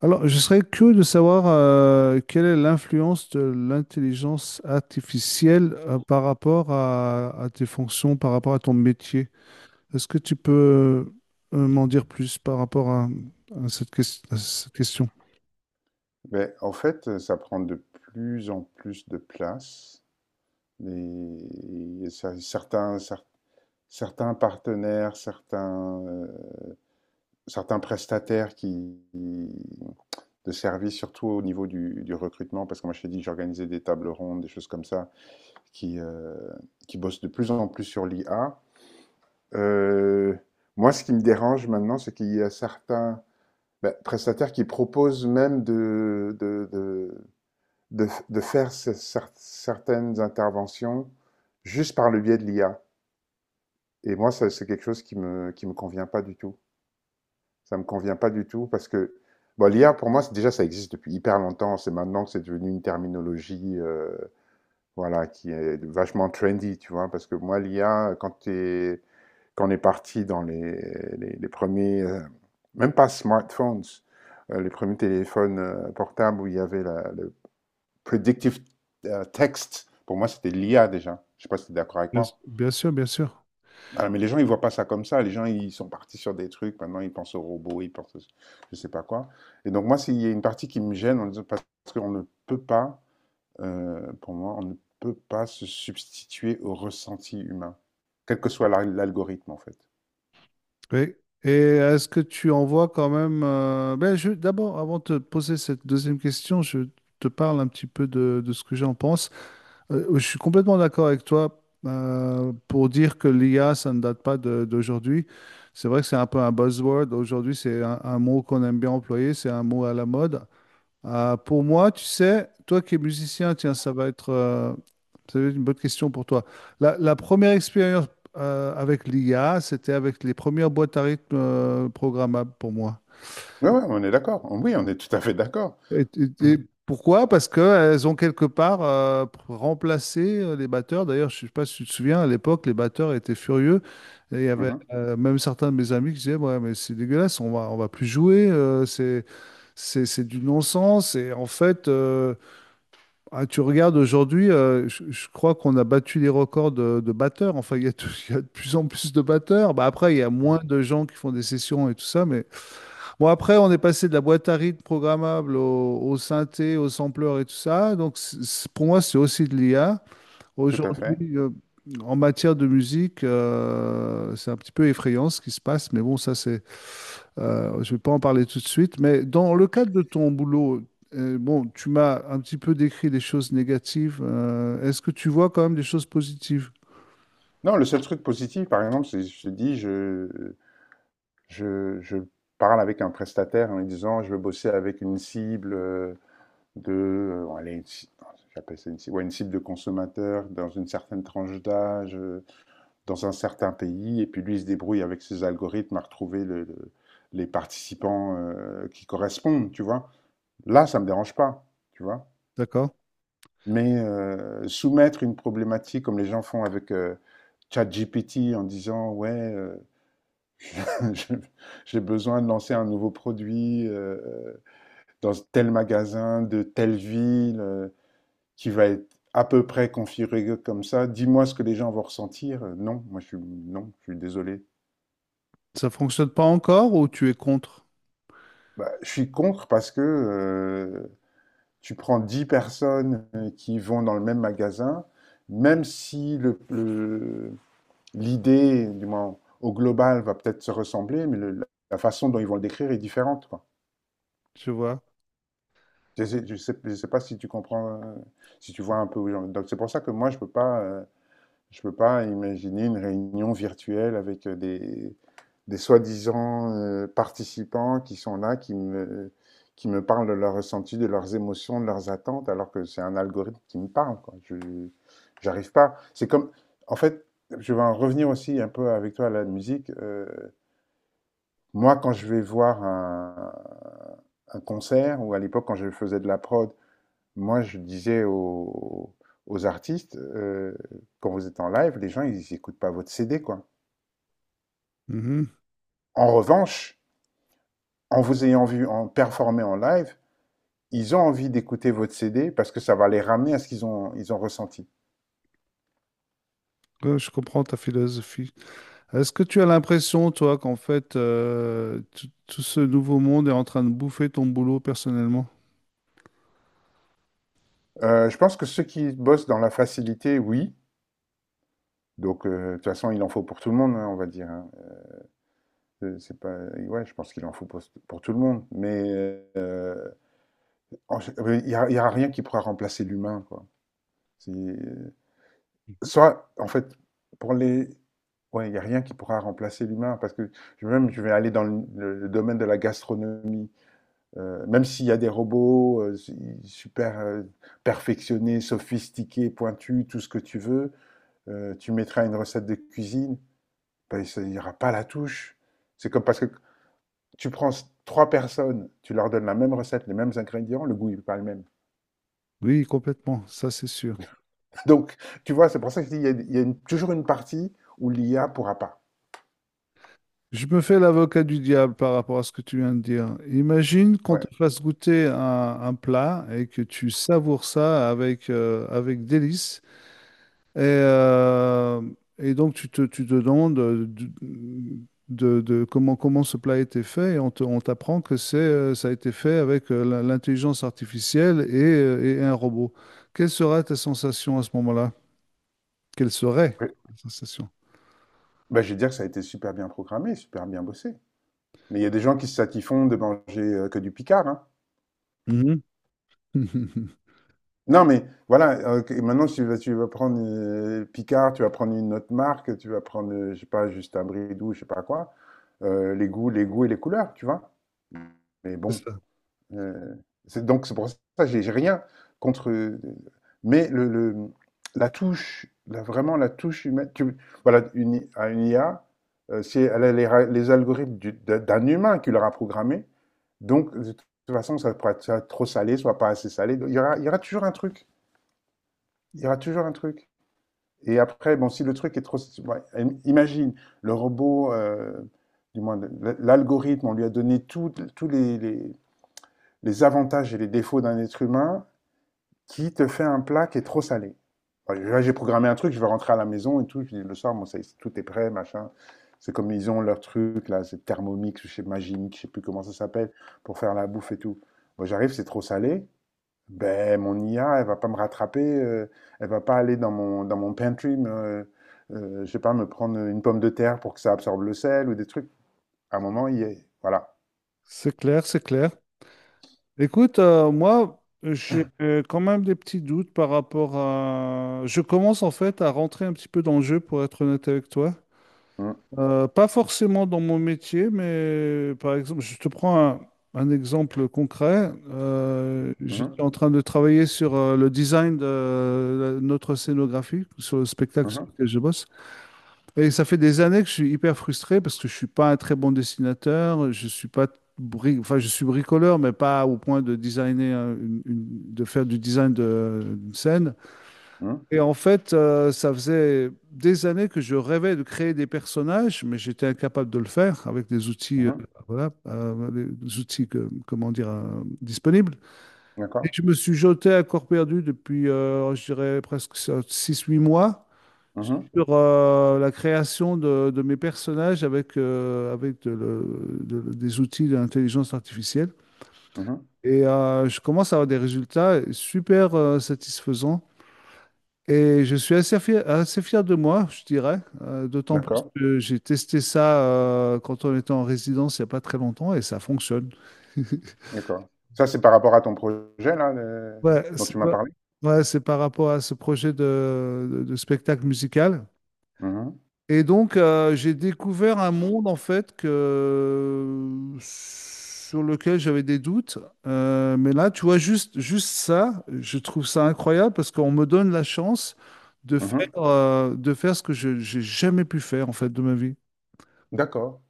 Alors, je serais curieux de savoir quelle est l'influence de l'intelligence artificielle par rapport à tes fonctions, par rapport à ton métier. Est-ce que tu peux m'en dire plus par rapport à cette question? Beh, en fait, ça prend de plus en plus de place. Et certains partenaires, certains prestataires qui, de services, surtout au niveau du recrutement, parce que moi je t'ai dit que j'organisais des tables rondes, des choses comme ça, qui, euh, qui bossent de plus en plus sur l'IA. Euh, Moi, ce qui me dérange maintenant, c'est qu'il y a certains ben, prestataires qui proposent même de faire certaines interventions juste par le biais de l'IA. Et moi, c'est quelque chose qui me convient pas du tout. Ça me convient pas du tout parce que bon, l'IA, pour moi, déjà, ça existe depuis hyper longtemps. C'est maintenant que c'est devenu une terminologie voilà, qui est vachement trendy, tu vois. Parce que moi, l'IA, quand on est parti dans les premiers, même pas smartphones, les premiers téléphones portables où il y avait predictive text, pour moi, c'était l'IA déjà. Je ne sais pas si tu es d'accord avec moi. Bien sûr, bien sûr. Alors, mais les gens, ils ne voient pas ça comme ça. Les gens, ils sont partis sur des trucs. Maintenant, ils pensent aux robots, je ne sais pas quoi. Et donc, moi, s'il y a une partie qui me gêne, parce qu'on ne peut pas, pour moi, on ne peut pas se substituer au ressenti humain, quel que soit l'algorithme, en fait. Oui. Et est-ce que tu en vois quand même... D'abord, avant de te poser cette deuxième question, je te parle un petit peu de ce que j'en pense. Je suis complètement d'accord avec toi pour dire que l'IA, ça ne date pas d'aujourd'hui. C'est vrai que c'est un peu un buzzword. Aujourd'hui, c'est un mot qu'on aime bien employer, c'est un mot à la mode. Pour moi, tu sais, toi qui es musicien, tiens, ça va être une bonne question pour toi. La première expérience avec l'IA, c'était avec les premières boîtes à rythme programmables pour moi. Oui, ouais, ouais, on est d'accord. Oui, on est tout à fait d'accord. Et, et pourquoi? Parce qu'elles ont quelque part remplacé les batteurs. D'ailleurs, je ne sais pas si tu te souviens, à l'époque, les batteurs étaient furieux. Et il y avait Mhm. Même certains de mes amis qui disaient, ouais, mais c'est dégueulasse, on va plus jouer, c'est du non-sens. Et en fait, ah, tu regardes aujourd'hui, je crois qu'on a battu les records de batteurs. Enfin, il y a, tout- il y a de plus en plus de batteurs. Bah, après, il y a moins de gens qui font des sessions et tout ça, mais bon, après, on est passé de la boîte à rythme programmable au synthé, au sampler et tout ça. Donc, pour moi, c'est aussi de l'IA. Tout à fait. Aujourd'hui, en matière de musique, c'est un petit peu effrayant ce qui se passe. Mais bon, je vais pas en parler tout de suite. Mais dans le cadre de ton boulot, bon, tu m'as un petit peu décrit des choses négatives. Est-ce que tu vois quand même des choses positives? Non, le seul truc positif, par exemple, c'est, je te dis, je parle avec un prestataire en lui disant, je veux bosser avec une cible bon, allez, j'appelle ça une cible, ouais, une cible de consommateur dans une certaine tranche d'âge, dans un certain pays, et puis lui il se débrouille avec ses algorithmes à retrouver les participants qui correspondent, tu vois. Là, ça me dérange pas, tu vois. D'accord? Mais soumettre une problématique comme les gens font avec ChatGPT en disant, ouais. Je- J'ai besoin de lancer un nouveau produit dans tel magasin de telle ville qui va être à peu près configuré comme ça. Dis-moi ce que les gens vont ressentir. Non, moi je suis non, je suis désolé. Ça fonctionne pas encore ou tu es contre? Bah, je suis contre parce que tu prends 10 personnes qui vont dans le même magasin, même si l'idée, du moins au global, va peut-être se ressembler, mais la façon dont ils vont le décrire est différente. Tu vois? Je ne sais pas si tu comprends, si tu vois un peu où j'en. Donc c'est pour ça que moi, je peux pas imaginer une réunion virtuelle avec des soi-disant participants qui sont là, qui me parlent de leurs ressentis, de leurs émotions, de leurs attentes, alors que c'est un algorithme qui me parle, quoi. J'arrive pas. C'est comme, en fait, je vais en revenir aussi un peu avec toi à la musique. Moi, quand je vais voir un concert, ou à l'époque quand je faisais de la prod, moi, je disais aux artistes, quand vous êtes en live, les gens, ils n'écoutent pas votre CD, quoi. Mhm. En revanche, en vous ayant vu en performer en live, ils ont envie d'écouter votre CD parce que ça va les ramener à ce qu'ils ont ressenti. Ouais, je comprends ta philosophie. Est-ce que tu as l'impression, toi, qu'en fait, tout ce nouveau monde est en train de bouffer ton boulot personnellement? Je pense que ceux qui bossent dans la facilité, oui. Donc, de toute façon, il en faut pour tout le monde, hein, on va dire, hein. C'est pas, ouais, je pense qu'il en faut pour tout le monde. Mais euh, il n'y a, y a rien qui pourra remplacer l'humain, quoi. Mhm. Soit, en fait, pour les... Ouais, il n'y a rien qui pourra remplacer l'humain, parce que même je vais aller dans le domaine de la gastronomie, même s'il y a des robots super perfectionnés, sophistiqués, pointus, tout ce que tu veux, tu mettras une recette de cuisine, ben, il n'y aura pas la touche. C'est comme parce que tu prends trois personnes, tu leur donnes la même recette, les mêmes ingrédients, le goût n'est pas le même. Oui, complètement, ça c'est sûr. Donc, tu vois, c'est pour ça qu'il y a toujours une partie où l'IA pourra pas. Je me fais l'avocat du diable par rapport à ce que tu viens de dire. Imagine qu'on te Ouais. fasse goûter un, un plat et que tu savoures ça avec délice. Et, euh, et donc, tu te demandes de comment, comment ce plat a été fait, et on t'apprend que c'est, ça a été fait avec l'intelligence artificielle et un robot. Quelle sera ta sensation à ce moment-là? Quelle serait ta sensation? Bah, je vais dire que ça a été super bien programmé, super bien bossé. Mais il y a des gens qui se satisfont de manger que du Picard, hein. Mhm. Non, mais voilà, maintenant, si tu vas prendre Picard, tu vas prendre une autre marque, tu vas prendre, je sais pas, juste un bridou, je sais pas quoi, les goûts et les couleurs, tu vois. Mais C'est bon, ça. Heu, c'est donc c'est pour ça que j'ai rien contre, euh, mais le la touche, la vraiment la touche humaine, tu voilà une I à une IA, si elle a les algorithmes du d'un d'un humain qui l'aura programmé, donc de toute façon ça pourra être soit trop salé, soit pas assez salé, donc il y aura toujours un truc, il y aura toujours un truc et après bon si le truc est trop ouais, imagine le robot, du moins le l'algorithme, on lui a donné toutes tous les avantages et les défauts d'un être humain qui te fait un plat qui est trop salé. Enfin, là, j'ai programmé un truc, je vais rentrer à la maison et tout, je dis le soir, bon, ça, tout est prêt, machin. C'est comme ils ont leur truc, là, c'est Thermomix ou chez Magimix, je sais plus comment ça s'appelle, pour faire la bouffe et tout. Moi, j'arrive, c'est trop salé. Ben, mon IA, elle va pas me rattraper, elle va pas aller dans dans mon pantry, mais, je sais pas, me prendre une pomme de terre pour que ça absorbe le sel ou des trucs. À un moment, il y est. Voilà. C'est clair, c'est clair. Écoute, moi, j'ai quand même des petits doutes par rapport à... Je commence en fait à rentrer un petit peu dans le jeu, pour être honnête avec toi. Mhm, Pas forcément dans mon métier, mais par exemple, je te prends un exemple concret. Mhm, J'étais en train de travailler sur le design de notre scénographie, sur le spectacle sur mhm, lequel je bosse. Et ça fait des années que je suis hyper frustré parce que je suis pas un très bon dessinateur, je suis pas bri- enfin, je suis bricoleur, mais pas au point de designer, de faire du design d'une scène. mhm, Et en fait, ça faisait des années que je rêvais de créer des personnages, mais j'étais incapable de le faire avec des outils, mhm. voilà, des outils comment dire, disponibles. Et D'accord. je me suis jeté à corps perdu depuis, je dirais, presque six-huit mois Mhm. sur la création de mes personnages avec de des outils d'intelligence artificielle. Mmh. Et je commence à avoir des résultats super satisfaisants. Et je suis assez fier de moi, je dirais, d'autant plus D'accord, que j'ai testé ça quand on était en résidence il n'y a pas très longtemps et ça fonctionne. d'accord. Ça, c'est par rapport à ton projet là, le Ouais, dont c'est tu m'as pas- parlé? ouais, c'est par rapport à ce projet de spectacle musical. Mmh mh. Et donc, j'ai découvert un monde, en fait, que... sur lequel j'avais des doutes. Mais là, tu vois, juste, juste ça, je trouve ça incroyable parce qu'on me donne la chance Mmh. De faire ce que je j'ai jamais pu faire, en fait, de ma vie. D'accord,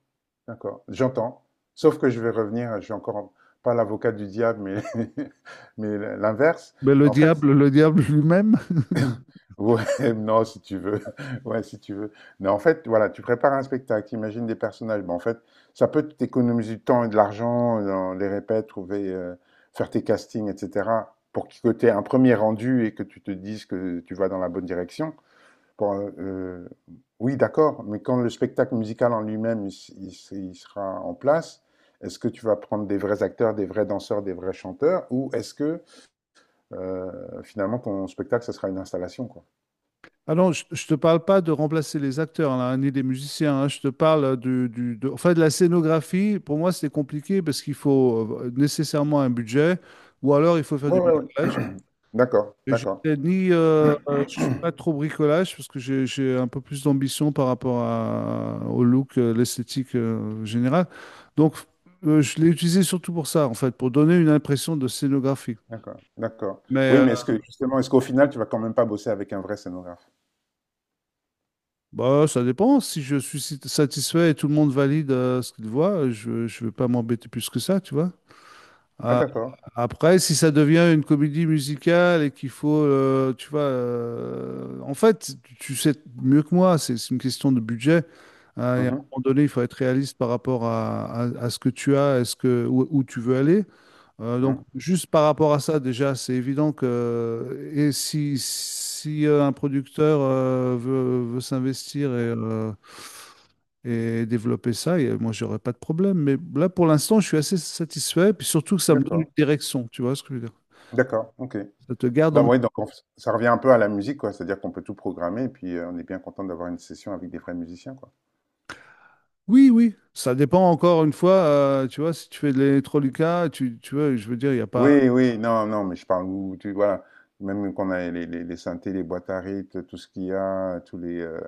d'accord, j'entends. Sauf que je vais revenir, je suis encore pas l'avocat du diable, mais mais l'inverse. Mais En fait le diable lui-même. ouais, non, si tu veux. Ouais, si tu veux. Mais en fait, voilà, tu prépares un spectacle, tu imagines des personnages, mais en fait, ça peut t'économiser du temps et de l'argent dans les répètes, trouver, faire tes castings etc., pour que tu aies un premier rendu et que tu te dises que tu vas dans la bonne direction. Pour, oui, d'accord, mais quand le spectacle musical en lui-même il, il sera en place, est-ce que tu vas prendre des vrais acteurs, des vrais danseurs, des vrais chanteurs, ou est-ce que finalement ton spectacle, ce sera une installation, quoi? Ah non, je te parle pas de remplacer les acteurs, là, ni des musiciens, hein. Je te parle enfin, de la scénographie. Pour moi, c'est compliqué parce qu'il faut nécessairement un budget ou alors il faut faire Ouais, du ouais, ouais. bricolage. D'accord, Et je d'accord, t'ai ni, je suis pas trop bricolage parce que j'ai un peu plus d'ambition par rapport au look, l'esthétique générale. Donc, je l'ai utilisé surtout pour ça, en fait, pour donner une impression de scénographie. d'accord, d'accord. Mais Oui, euh, mais est-ce que justement, est-ce qu'au final, tu vas quand même pas bosser avec un vrai scénographe? Bah, ça dépend. Si je suis satisfait et tout le monde valide ce qu'il voit, je ne vais pas m'embêter plus que ça, tu vois. Ah, Ah, d'accord. après, si ça devient une comédie musicale et qu'il faut, tu vois, en fait, tu sais mieux que moi, c'est une question de budget. Hein, et à un Mhm, moment donné, il faut être réaliste par rapport à ce que tu as, est ce que, où, où tu veux aller. Donc, mhm. juste par rapport à ça, déjà, c'est évident que si un producteur veut s'investir et développer ça, et moi, j'aurais pas de problème. Mais là, pour l'instant, je suis assez satisfait, puis surtout que ça me donne une D'accord, direction, tu vois ce que je veux dire? d'accord, ok. Ça te garde en... Non, oui, donc ça revient un peu à la musique, quoi. C'est-à-dire qu'on peut tout programmer et puis on est bien content d'avoir une session avec des vrais musiciens, quoi. Oui, oui, ça dépend encore une fois, tu vois, si tu fais de l'électroluca, tu vois, je veux dire, il n'y a pas... Oui, oui, non, non, mais je parle où tu voilà, même qu'on a les synthés, les boîtes à rythme, tout ce qu'il y a, tous les euh,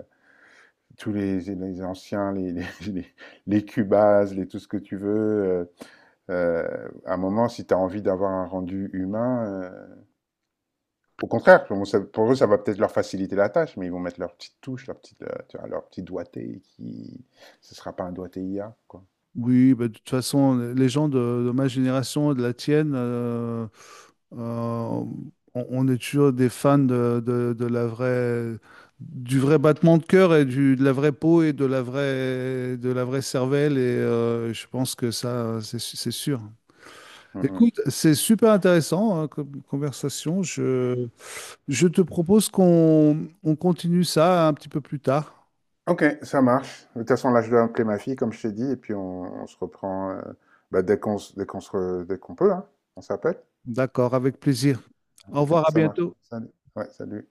tous les, les anciens, les, les Cubase, les tout ce que tu veux. À un moment, si tu as envie d'avoir un rendu humain, au contraire, pour, moi, pour eux, ça va peut-être leur faciliter la tâche, mais ils vont mettre leur petite touche, leur petite tu vois, leur petit doigté qui ce sera pas un doigté IA, quoi. Oui, bah, de toute façon, les gens de ma génération, de la tienne... on est toujours des fans de la vraie, du vrai battement de cœur et de la vraie peau et de la vraie cervelle. Et je pense que ça, c'est sûr. Mmh mh. Écoute, c'est super intéressant hein, comme conversation. Je te propose qu'on continue ça un petit peu plus tard. OK, ça marche. De toute façon, là, je dois appeler ma fille, comme je t'ai dit, et puis on se reprend, bah, dès qu'on peut, hein. On s'appelle? D'accord, avec plaisir. Au OK, revoir, à ça marche. bientôt. Salut. Ouais, salut.